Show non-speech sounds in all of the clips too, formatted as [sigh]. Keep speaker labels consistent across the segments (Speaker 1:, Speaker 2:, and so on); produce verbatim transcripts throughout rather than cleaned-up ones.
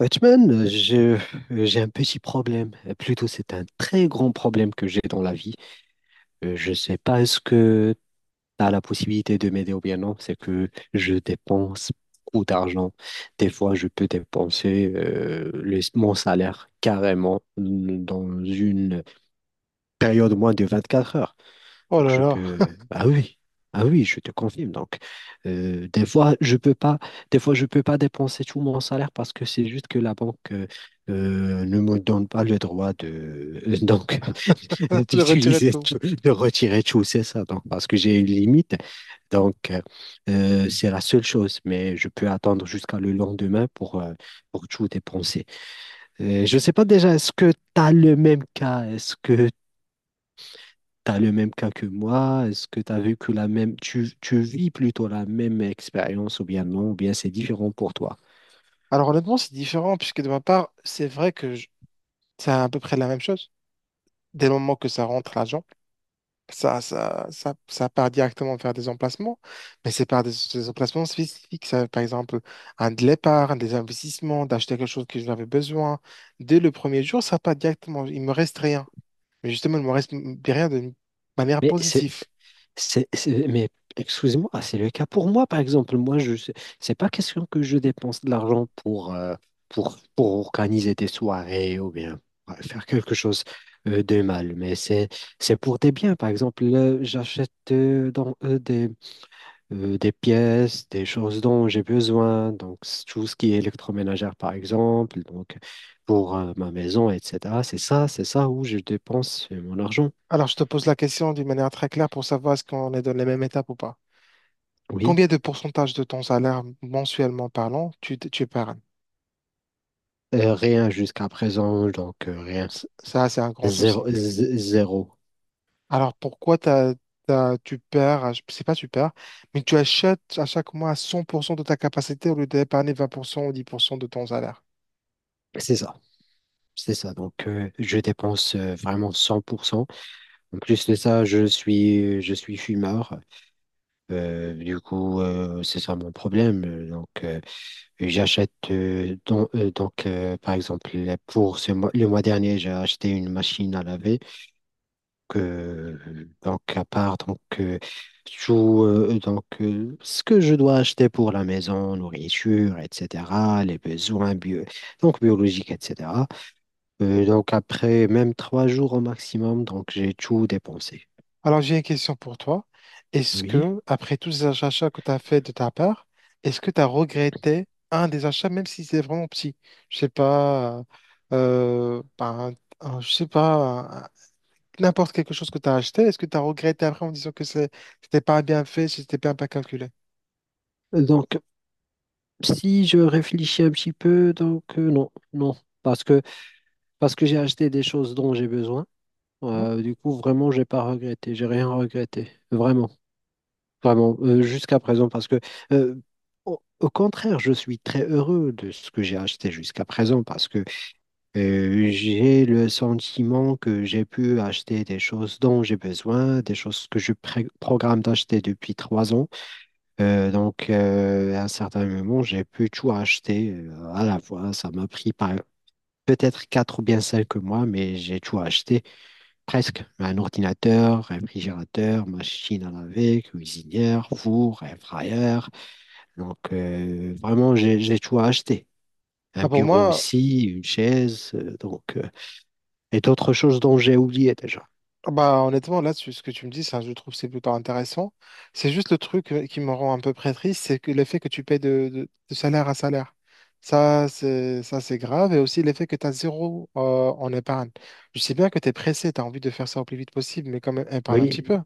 Speaker 1: Batman, euh, je- euh, j'ai un petit problème. Euh, Plutôt, c'est un très grand problème que j'ai dans la vie. Euh, Je ne sais pas est-ce que tu as la possibilité de m'aider ou bien non. C'est que je dépense beaucoup d'argent. Des fois, je peux dépenser euh, le- mon salaire carrément dans une période moins de vingt-quatre heures.
Speaker 2: Oh
Speaker 1: Donc
Speaker 2: là
Speaker 1: je
Speaker 2: là,
Speaker 1: peux, ah oui, ah oui, je te confirme. Donc euh, des fois je peux pas, des fois je peux pas dépenser tout mon salaire parce que c'est juste que la banque euh, euh, ne me donne pas le droit de [laughs] donc [laughs]
Speaker 2: [laughs] de retirer
Speaker 1: d'utiliser
Speaker 2: tout.
Speaker 1: tout- de retirer tout, c'est ça. Donc parce que j'ai une limite, donc euh, euh, c'est la seule chose. Mais je peux attendre jusqu'à le lendemain pour euh, pour tout dépenser. Euh, je sais pas déjà, est-ce que tu as le même cas? Est-ce que T'as le même cas que moi? Est-ce que t'as vu que la même, tu, tu vis plutôt la même expérience ou bien non, ou bien c'est différent pour toi?
Speaker 2: Alors honnêtement, c'est différent puisque de ma part, c'est vrai que je- c'est à peu près la même chose. Dès le moment que ça rentre l'argent, ça, ça, ça, ça part directement vers des emplacements, mais c'est par des, des emplacements spécifiques. Ça, par exemple, un de l'épargne, des investissements, d'acheter quelque chose que j'avais besoin. Dès le premier jour, ça part directement. Il me reste rien. Mais justement, il me reste derrière de manière
Speaker 1: Mais c'est,
Speaker 2: positive.
Speaker 1: C'est, c'est- mais excusez-moi, ah, c'est le cas pour moi, par exemple. Moi, je, sais- c'est pas question que je dépense de l'argent pour, euh, pour, pour organiser des soirées ou bien ouais, faire quelque chose euh, de mal, mais c'est, c'est pour des biens. Par exemple, là, j'achète euh, dans, euh, des, euh, des pièces, des choses dont j'ai besoin, donc c'est tout ce qui est électroménagère, par exemple, donc pour euh, ma maison, etcétéra. C'est ça, c'est ça où je dépense euh, mon argent.
Speaker 2: Alors, je te pose la question d'une manière très claire pour savoir est-ce qu'on est dans les mêmes étapes ou pas.
Speaker 1: Oui.
Speaker 2: Combien de pourcentage de ton salaire mensuellement parlant tu, tu épargnes?
Speaker 1: Euh, rien jusqu'à présent, donc euh, rien.
Speaker 2: Ça, c'est un grand souci.
Speaker 1: Zéro, z- zéro.
Speaker 2: Alors pourquoi t'as- t'as- tu perds, je- c'est pas tu perds, mais tu achètes à chaque mois à cent pour cent de ta capacité au lieu d'épargner vingt pour cent ou dix pour cent de ton salaire.
Speaker 1: C'est ça. C'est ça. Donc, euh, je dépense euh, vraiment cent pour cent. En plus de ça, je suis, je suis fumeur. Euh, du coup, euh, c'est ça mon problème. Euh, Donc, euh, j'achète, euh, don- euh, donc, euh, par exemple, pour ce mois, le mois dernier, j'ai acheté une machine à laver. Euh, donc, à part, donc, euh, tout, euh, donc, euh, ce que je dois acheter pour la maison, nourriture, etcétéra, les besoins bio, donc, biologiques, etcétéra. Euh, donc, après même trois jours au maximum, donc, j'ai tout dépensé.
Speaker 2: Alors, j'ai une question pour toi. Est-ce
Speaker 1: Oui.
Speaker 2: que, après tous ces achats que tu as fait de ta part, est-ce que tu as regretté un des achats, même si c'est vraiment petit? Je sais pas, euh, ben, un- je sais pas, un- n'importe quelque chose que tu as acheté, est-ce que tu as regretté après en disant que c'est- c'était pas bien fait, c'était pas bien calculé?
Speaker 1: Donc, si je réfléchis un petit peu, donc, euh, non, non, parce que, parce que j'ai acheté des choses dont j'ai besoin.
Speaker 2: Non.
Speaker 1: Euh, du coup, vraiment, j'ai pas regretté, j'ai rien regretté, vraiment. Vraiment, euh, jusqu'à présent, parce que euh, au, au contraire, je suis très heureux de ce que j'ai acheté jusqu'à présent, parce que euh, j'ai le sentiment que j'ai pu acheter des choses dont j'ai besoin, des choses que je pré- programme d'acheter depuis trois ans. Euh, donc, euh, à un certain moment, j'ai pu tout acheter euh, à la fois. Ça m'a pris par- Peut-être quatre ou bien cinq mois, mais j'ai tout acheté. Presque. Un ordinateur, réfrigérateur, machine à laver, cuisinière, four, air fryer. Donc, euh, vraiment, j'ai, j'ai tout à acheter. Un
Speaker 2: Ah, pour
Speaker 1: bureau
Speaker 2: moi.
Speaker 1: aussi, une chaise, euh, donc, euh, et d'autres choses dont j'ai oublié déjà.
Speaker 2: Ah bah, honnêtement, là, tu- ce que tu me dis, ça, je trouve, c'est plutôt intéressant. C'est juste le truc euh, qui me rend un peu près triste, c'est que l'effet que tu payes de, de- de salaire à salaire. Ça, c'est, ça, c'est grave. Et aussi l'effet que tu as zéro euh, en épargne. Je sais bien que tu es pressé, tu as envie de faire ça au plus vite possible, mais quand même, épargne un petit
Speaker 1: Oui,
Speaker 2: peu.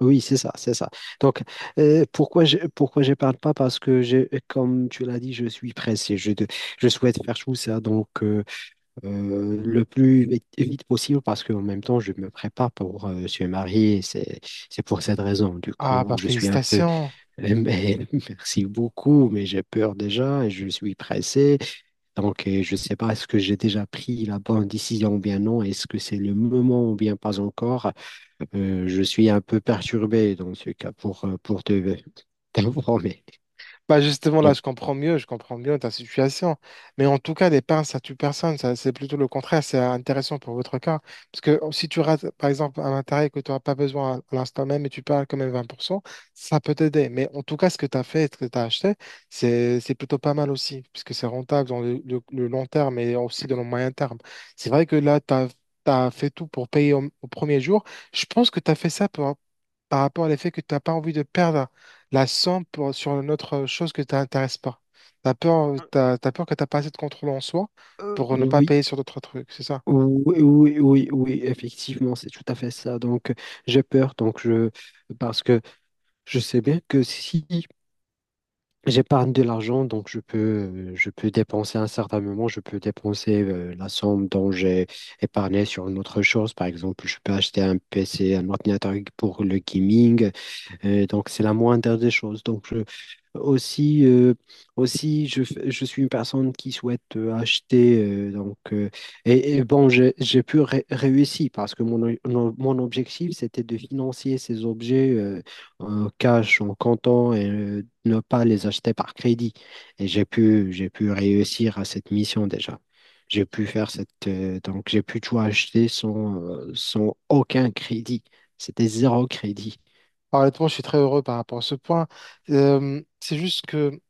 Speaker 1: Oui, c'est ça, c'est ça. Donc, euh, pourquoi je, Pourquoi je parle pas? Parce que je, comme tu l'as dit, je suis pressé. Je, de- je souhaite faire tout ça donc euh, euh, le plus vite, vite possible parce qu'en même temps, je me prépare pour euh, se marier. C'est, c'est pour cette raison. Du
Speaker 2: Ah, bah,
Speaker 1: coup, je suis un peu.
Speaker 2: félicitations.
Speaker 1: [laughs] mais- Merci beaucoup, mais j'ai peur déjà et je suis pressé. Donc, euh, je sais pas est-ce que j'ai déjà pris la bonne décision ou bien non. Est-ce que c'est le moment ou bien pas encore? Euh, je suis un peu perturbé dans ce cas pour, euh, pour te [laughs] t'informer.
Speaker 2: Bah justement,
Speaker 1: Mais
Speaker 2: là, je comprends mieux, je comprends mieux ta situation. Mais en tout cas, les pains, ça tue personne. Ça, c'est plutôt le contraire. C'est intéressant pour votre cas. Parce que si tu rates, par exemple, un matériel que tu n'auras pas besoin à l'instant même et tu perds quand même vingt pour cent, ça peut t'aider. Mais en tout cas, ce que tu as fait, et ce que tu as acheté, c'est, c'est plutôt pas mal aussi. Puisque c'est rentable dans le, le- le long terme et aussi dans le moyen terme. C'est vrai que là, tu as fait tout pour payer au, au premier jour. Je pense que tu as fait ça pour, par rapport à l'effet que tu n'as pas envie de perdre la somme pour- sur une autre euh, chose que tu t'intéresses pas. T'as peur, euh, t'as, t'as peur que t'as pas assez de contrôle en soi pour ne pas
Speaker 1: oui,
Speaker 2: payer sur d'autres trucs, c'est ça?
Speaker 1: oui, oui, oui, oui, effectivement, c'est tout à fait ça. Donc, j'ai peur, donc je, parce que je sais bien que si j'épargne de l'argent, donc je peux, euh, je peux dépenser à un certain moment, je peux dépenser euh, la somme dont j'ai épargné sur une autre chose. Par exemple, je peux acheter un P C, un ordinateur pour le gaming. Et donc, c'est la moindre des choses. Donc, je, aussi, euh, Aussi je, f- je suis une personne qui souhaite euh, acheter. Euh, donc, euh, et, et bon, j'ai j'ai pu ré- réussir parce que mon, o- mon mon objectif, c'était de financer ces objets euh, en cash, en comptant et euh, ne pas les acheter par crédit. Et j'ai pu, j'ai pu réussir à cette mission déjà. J'ai pu faire cette. Euh, donc, j'ai pu tout acheter sans, euh, sans aucun crédit. C'était zéro crédit.
Speaker 2: Alors, honnêtement, je suis très heureux par rapport à ce point. Euh, c'est juste que,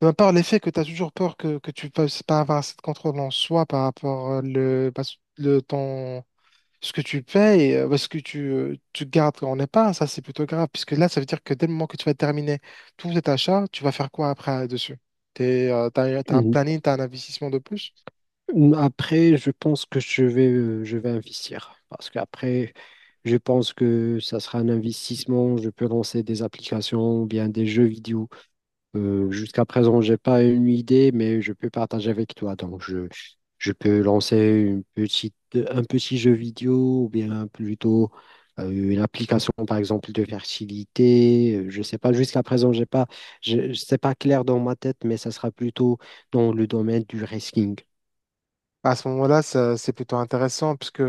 Speaker 2: de ma part, l'effet que tu as toujours peur que, que tu ne puisses pas avoir assez de contrôle en soi par rapport à le, pas- le temps. Ce que tu payes, et, euh, ouais, ce que tu, euh, tu gardes quand on n'est pas, ça c'est plutôt grave, puisque là, ça veut dire que dès le moment que tu vas terminer tout cet achat, tu vas faire quoi après euh, dessus? T'es, euh, t'as, t'as un
Speaker 1: Mhm.
Speaker 2: planning, t'as un investissement de plus?
Speaker 1: Après, je pense que je vais, euh, je vais investir. Parce qu'après, je pense que ça sera un investissement. Je peux lancer des applications ou bien des jeux vidéo. Euh, jusqu'à présent, j'ai pas une idée, mais je peux partager avec toi. Donc, je, je peux lancer une petite, un petit jeu vidéo ou bien plutôt euh, une application, par exemple, de fertilité. Euh, Je sais pas, jusqu'à présent, j'ai pas, je, je- c'est pas clair dans ma tête, mais ça sera plutôt dans le domaine du risking.
Speaker 2: À ce moment-là, ça- c'est plutôt intéressant puisque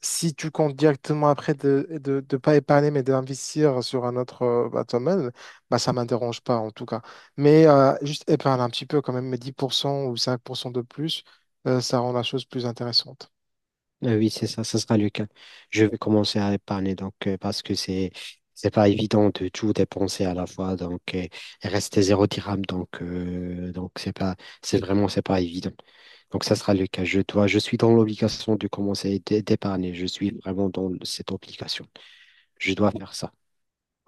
Speaker 2: si tu comptes directement après de de, de pas épargner mais d'investir sur un autre euh, bah, domaine, bah, ça ne m'interroge pas en tout cas. Mais euh, juste épargne un petit peu quand même, mais dix pour cent ou cinq pour cent de plus, euh, ça rend la chose plus intéressante.
Speaker 1: Euh, Oui, c'est ça, ça sera le cas. Je vais commencer à épargner donc euh, parce que c'est c'est pas évident de tout dépenser à la fois donc euh, il reste zéro dirham donc euh, donc c'est pas c'est vraiment c'est pas évident. Donc ça sera le cas. Je dois je suis dans l'obligation de commencer d'é- d'épargner. Je suis vraiment dans cette obligation. Je dois faire ça.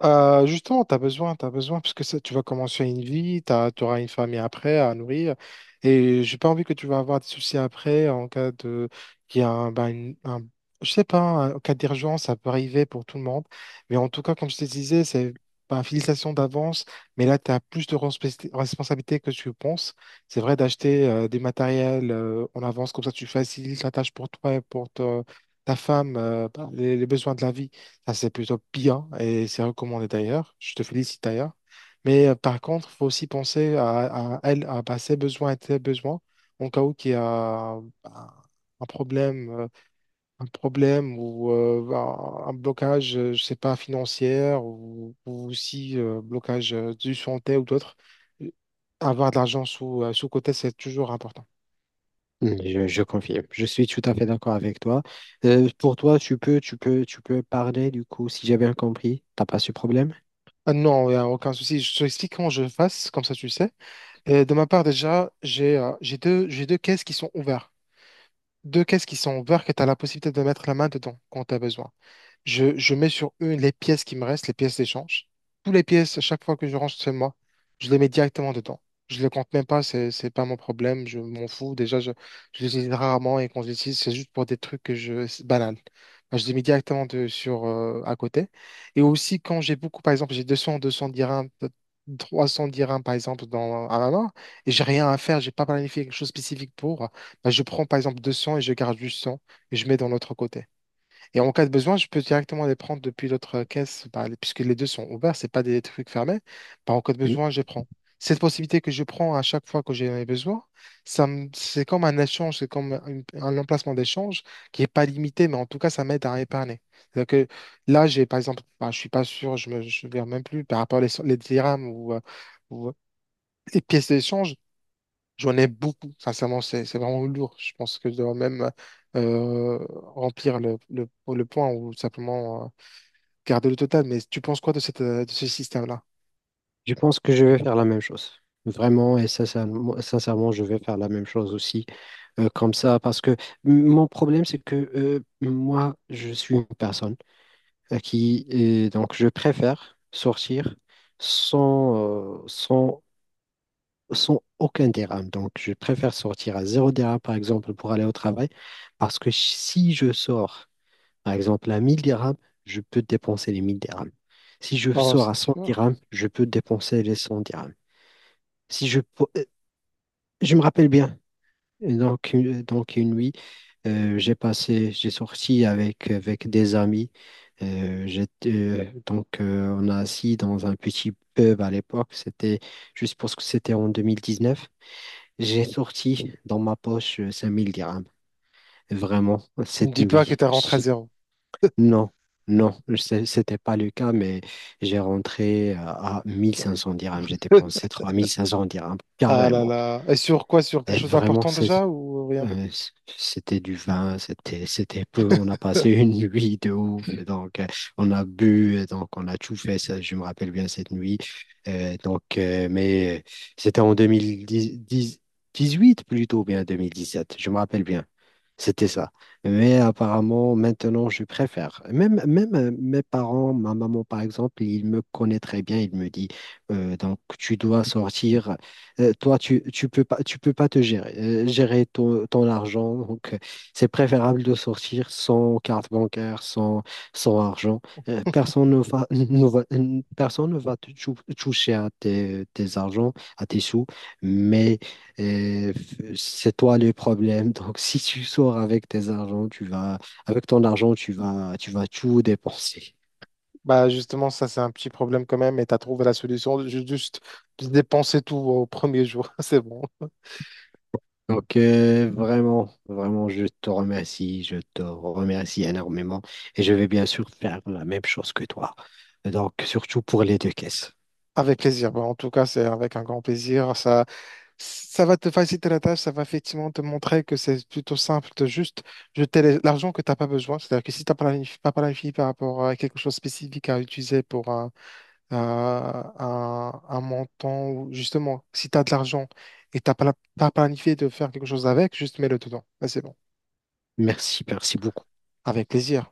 Speaker 2: Euh, justement, tu as besoin, tu as besoin, parce que ça, tu vas commencer une vie, tu auras une famille après à nourrir, et j'ai pas envie que tu vas avoir des soucis après en cas de, qu'il y a un, ben, une- un- je sais pas, un- en cas d'urgence, ça peut arriver pour tout le monde, mais en tout cas, comme je te disais, c'est ben, félicitations d'avance, mais là, tu as plus de responsabilité responsabilité que tu penses. C'est vrai d'acheter euh, des matériels euh, en avance, comme ça, tu facilites la tâche pour toi et pour te- ta femme, euh, ben, les les besoins de la vie. Ça, c'est plutôt bien et c'est recommandé d'ailleurs. Je te félicite d'ailleurs. Mais euh, par contre, il faut aussi penser à, à elle, à bah, ses besoins et tes besoins en cas où il y a un un problème, euh, un problème ou euh, un un blocage, euh, je sais pas, financier ou, ou aussi euh, blocage euh, du santé ou d'autres. Euh, Avoir de l'argent sous, euh, sous côté, c'est toujours important.
Speaker 1: Mm, Je, je confirme. Je suis tout à fait d'accord avec toi. Euh, pour toi, tu peux, tu peux, tu peux parler du coup, si j'ai bien compris. T'as pas ce problème?
Speaker 2: Ah non, il n'y a aucun souci. Je t'explique comment je fasse, comme ça tu sais. Et de ma part, déjà, j'ai euh, j'ai deux, j'ai deux caisses qui sont ouvertes. Deux caisses qui sont ouvertes et tu as la possibilité de mettre la main dedans quand tu as besoin. Je, je mets sur une les pièces qui me restent, les pièces d'échange. Toutes les pièces, à chaque fois que je range chez moi, je les mets directement dedans. Je les compte même pas, c'est, c'est pas mon problème, je m'en fous. Déjà, je, je les utilise rarement et quand je les utilise, c'est juste pour des trucs que je, c'est banal. Moi, je les mets directement de, sur, euh, à côté. Et aussi, quand j'ai beaucoup, par exemple, j'ai deux cents, deux cents dirhams, peut-être trois cents dirhams, par exemple, dans, à ma main, et j'ai rien à faire, j'ai pas planifié quelque chose de spécifique pour, bah, je prends, par exemple, deux cents et je garde juste cent et je mets dans l'autre côté. Et en cas de besoin, je peux directement les prendre depuis l'autre euh, caisse, bah, les- puisque les deux sont ouverts, c'est pas des trucs fermés. Bah, en cas de besoin, je prends. Cette possibilité que je prends à chaque fois que j'ai ai besoin, ça me- c'est comme un échange, c'est comme un, un emplacement d'échange qui n'est pas limité, mais en tout cas, ça m'aide à épargner. C'est-à-dire que là, j'ai par exemple, bah, je suis pas sûr, je me, je me souviens même plus par rapport aux les, les dirhams ou, euh, ou euh, les pièces d'échange. J'en ai beaucoup, sincèrement, c'est c'est vraiment lourd. Je pense que je dois même euh, remplir le, le, le point ou simplement euh, garder le total. Mais tu penses quoi de cette, euh, de ce système-là?
Speaker 1: Je pense que je vais faire la même chose. Vraiment et sincèrement, sincèrement, je vais faire la même chose aussi. Euh, comme ça, parce que m- mon problème, c'est que euh, moi, je suis une personne à qui, et donc, je préfère sortir sans, euh, sans, sans aucun dirham. Donc, je préfère sortir à zéro dirham, par exemple, pour aller au travail, parce que si si je sors, par exemple, à mille dirhams, je peux dépenser les mille dirhams. Si je
Speaker 2: Oh,
Speaker 1: sors
Speaker 2: c'est
Speaker 1: à cent
Speaker 2: dur.
Speaker 1: dirhams, je peux dépenser les cent dirhams. Si je, pou- euh, Je me rappelle bien. Et Donc, une- donc une nuit, euh, j'ai passé, j'ai sorti avec, avec des amis. Euh, j'étais, euh, donc, euh, on a assis dans un petit pub à l'époque. C'était, je suppose que c'était en deux mille dix-neuf. J'ai sorti dans ma poche euh, cinq mille dirhams. Vraiment,
Speaker 2: Ne me
Speaker 1: cette
Speaker 2: dis pas que
Speaker 1: nuit.
Speaker 2: tu as rentré à
Speaker 1: Je-
Speaker 2: zéro.
Speaker 1: Non, non, c'est- c'était pas le cas, mais j'ai rentré à à mille cinq cents dirhams. J'ai
Speaker 2: [laughs]
Speaker 1: dépensé trois mille cinq cents dirhams,
Speaker 2: Ah là
Speaker 1: carrément.
Speaker 2: là. Et sur quoi? Sur quelque
Speaker 1: Et
Speaker 2: chose
Speaker 1: vraiment,
Speaker 2: d'important
Speaker 1: c'est
Speaker 2: déjà ou rien?
Speaker 1: Euh, c- C'était du vin, c'était c'était peu. On a passé [laughs] une nuit de ouf, et donc euh, on a bu, et donc on a tout fait. Ça, je me rappelle bien cette nuit. Euh, donc, euh, mais euh, C'était en deux mille dix huit plutôt, bien deux mille dix sept. Je me rappelle bien. C'était ça. Mais apparemment, maintenant, je préfère. Même, même euh, mes parents, ma maman, par exemple, il me connaît très bien. Il me dit, euh, donc, tu dois sortir. Euh, toi, tu, tu peux pas, tu peux pas te gérer, euh, gérer ton, ton argent. Donc, euh, c'est préférable de sortir sans carte bancaire, sans, sans argent. Euh, personne ne va, [laughs] ne va- personne ne va te tou- toucher à tes, tes argents, à tes sous. Mais et f- c'est toi le problème. [laughs] Donc, si tu sors avec tes argent, tu vas, avec ton argent, tu vas, tu vas tout dépenser.
Speaker 2: Bah justement, ça c'est un petit problème quand même et tu as trouvé la solution. Ju- Juste dépenser tout au premier jour, [laughs] c'est bon.
Speaker 1: Donc, euh, vraiment, vraiment, je te remercie. Je te remercie énormément. Et je vais bien sûr faire la même chose que toi. Donc, surtout pour les deux caisses.
Speaker 2: Avec plaisir. Bah, en tout cas, c'est avec un grand plaisir. Ça, ça va te faciliter la tâche, ça va effectivement te montrer que c'est plutôt simple de juste jeter les- l'argent que tu n'as pas besoin. C'est-à-dire que si tu n'as pas planif- pas planifié par rapport à quelque chose de spécifique à utiliser pour un, un, un- un montant, ou justement, si tu as de l'argent et tu n'as pas, la- pas planifié de faire quelque chose avec, juste mets-le dedans. Bah, c'est bon.
Speaker 1: Merci, merci beaucoup.
Speaker 2: Avec plaisir.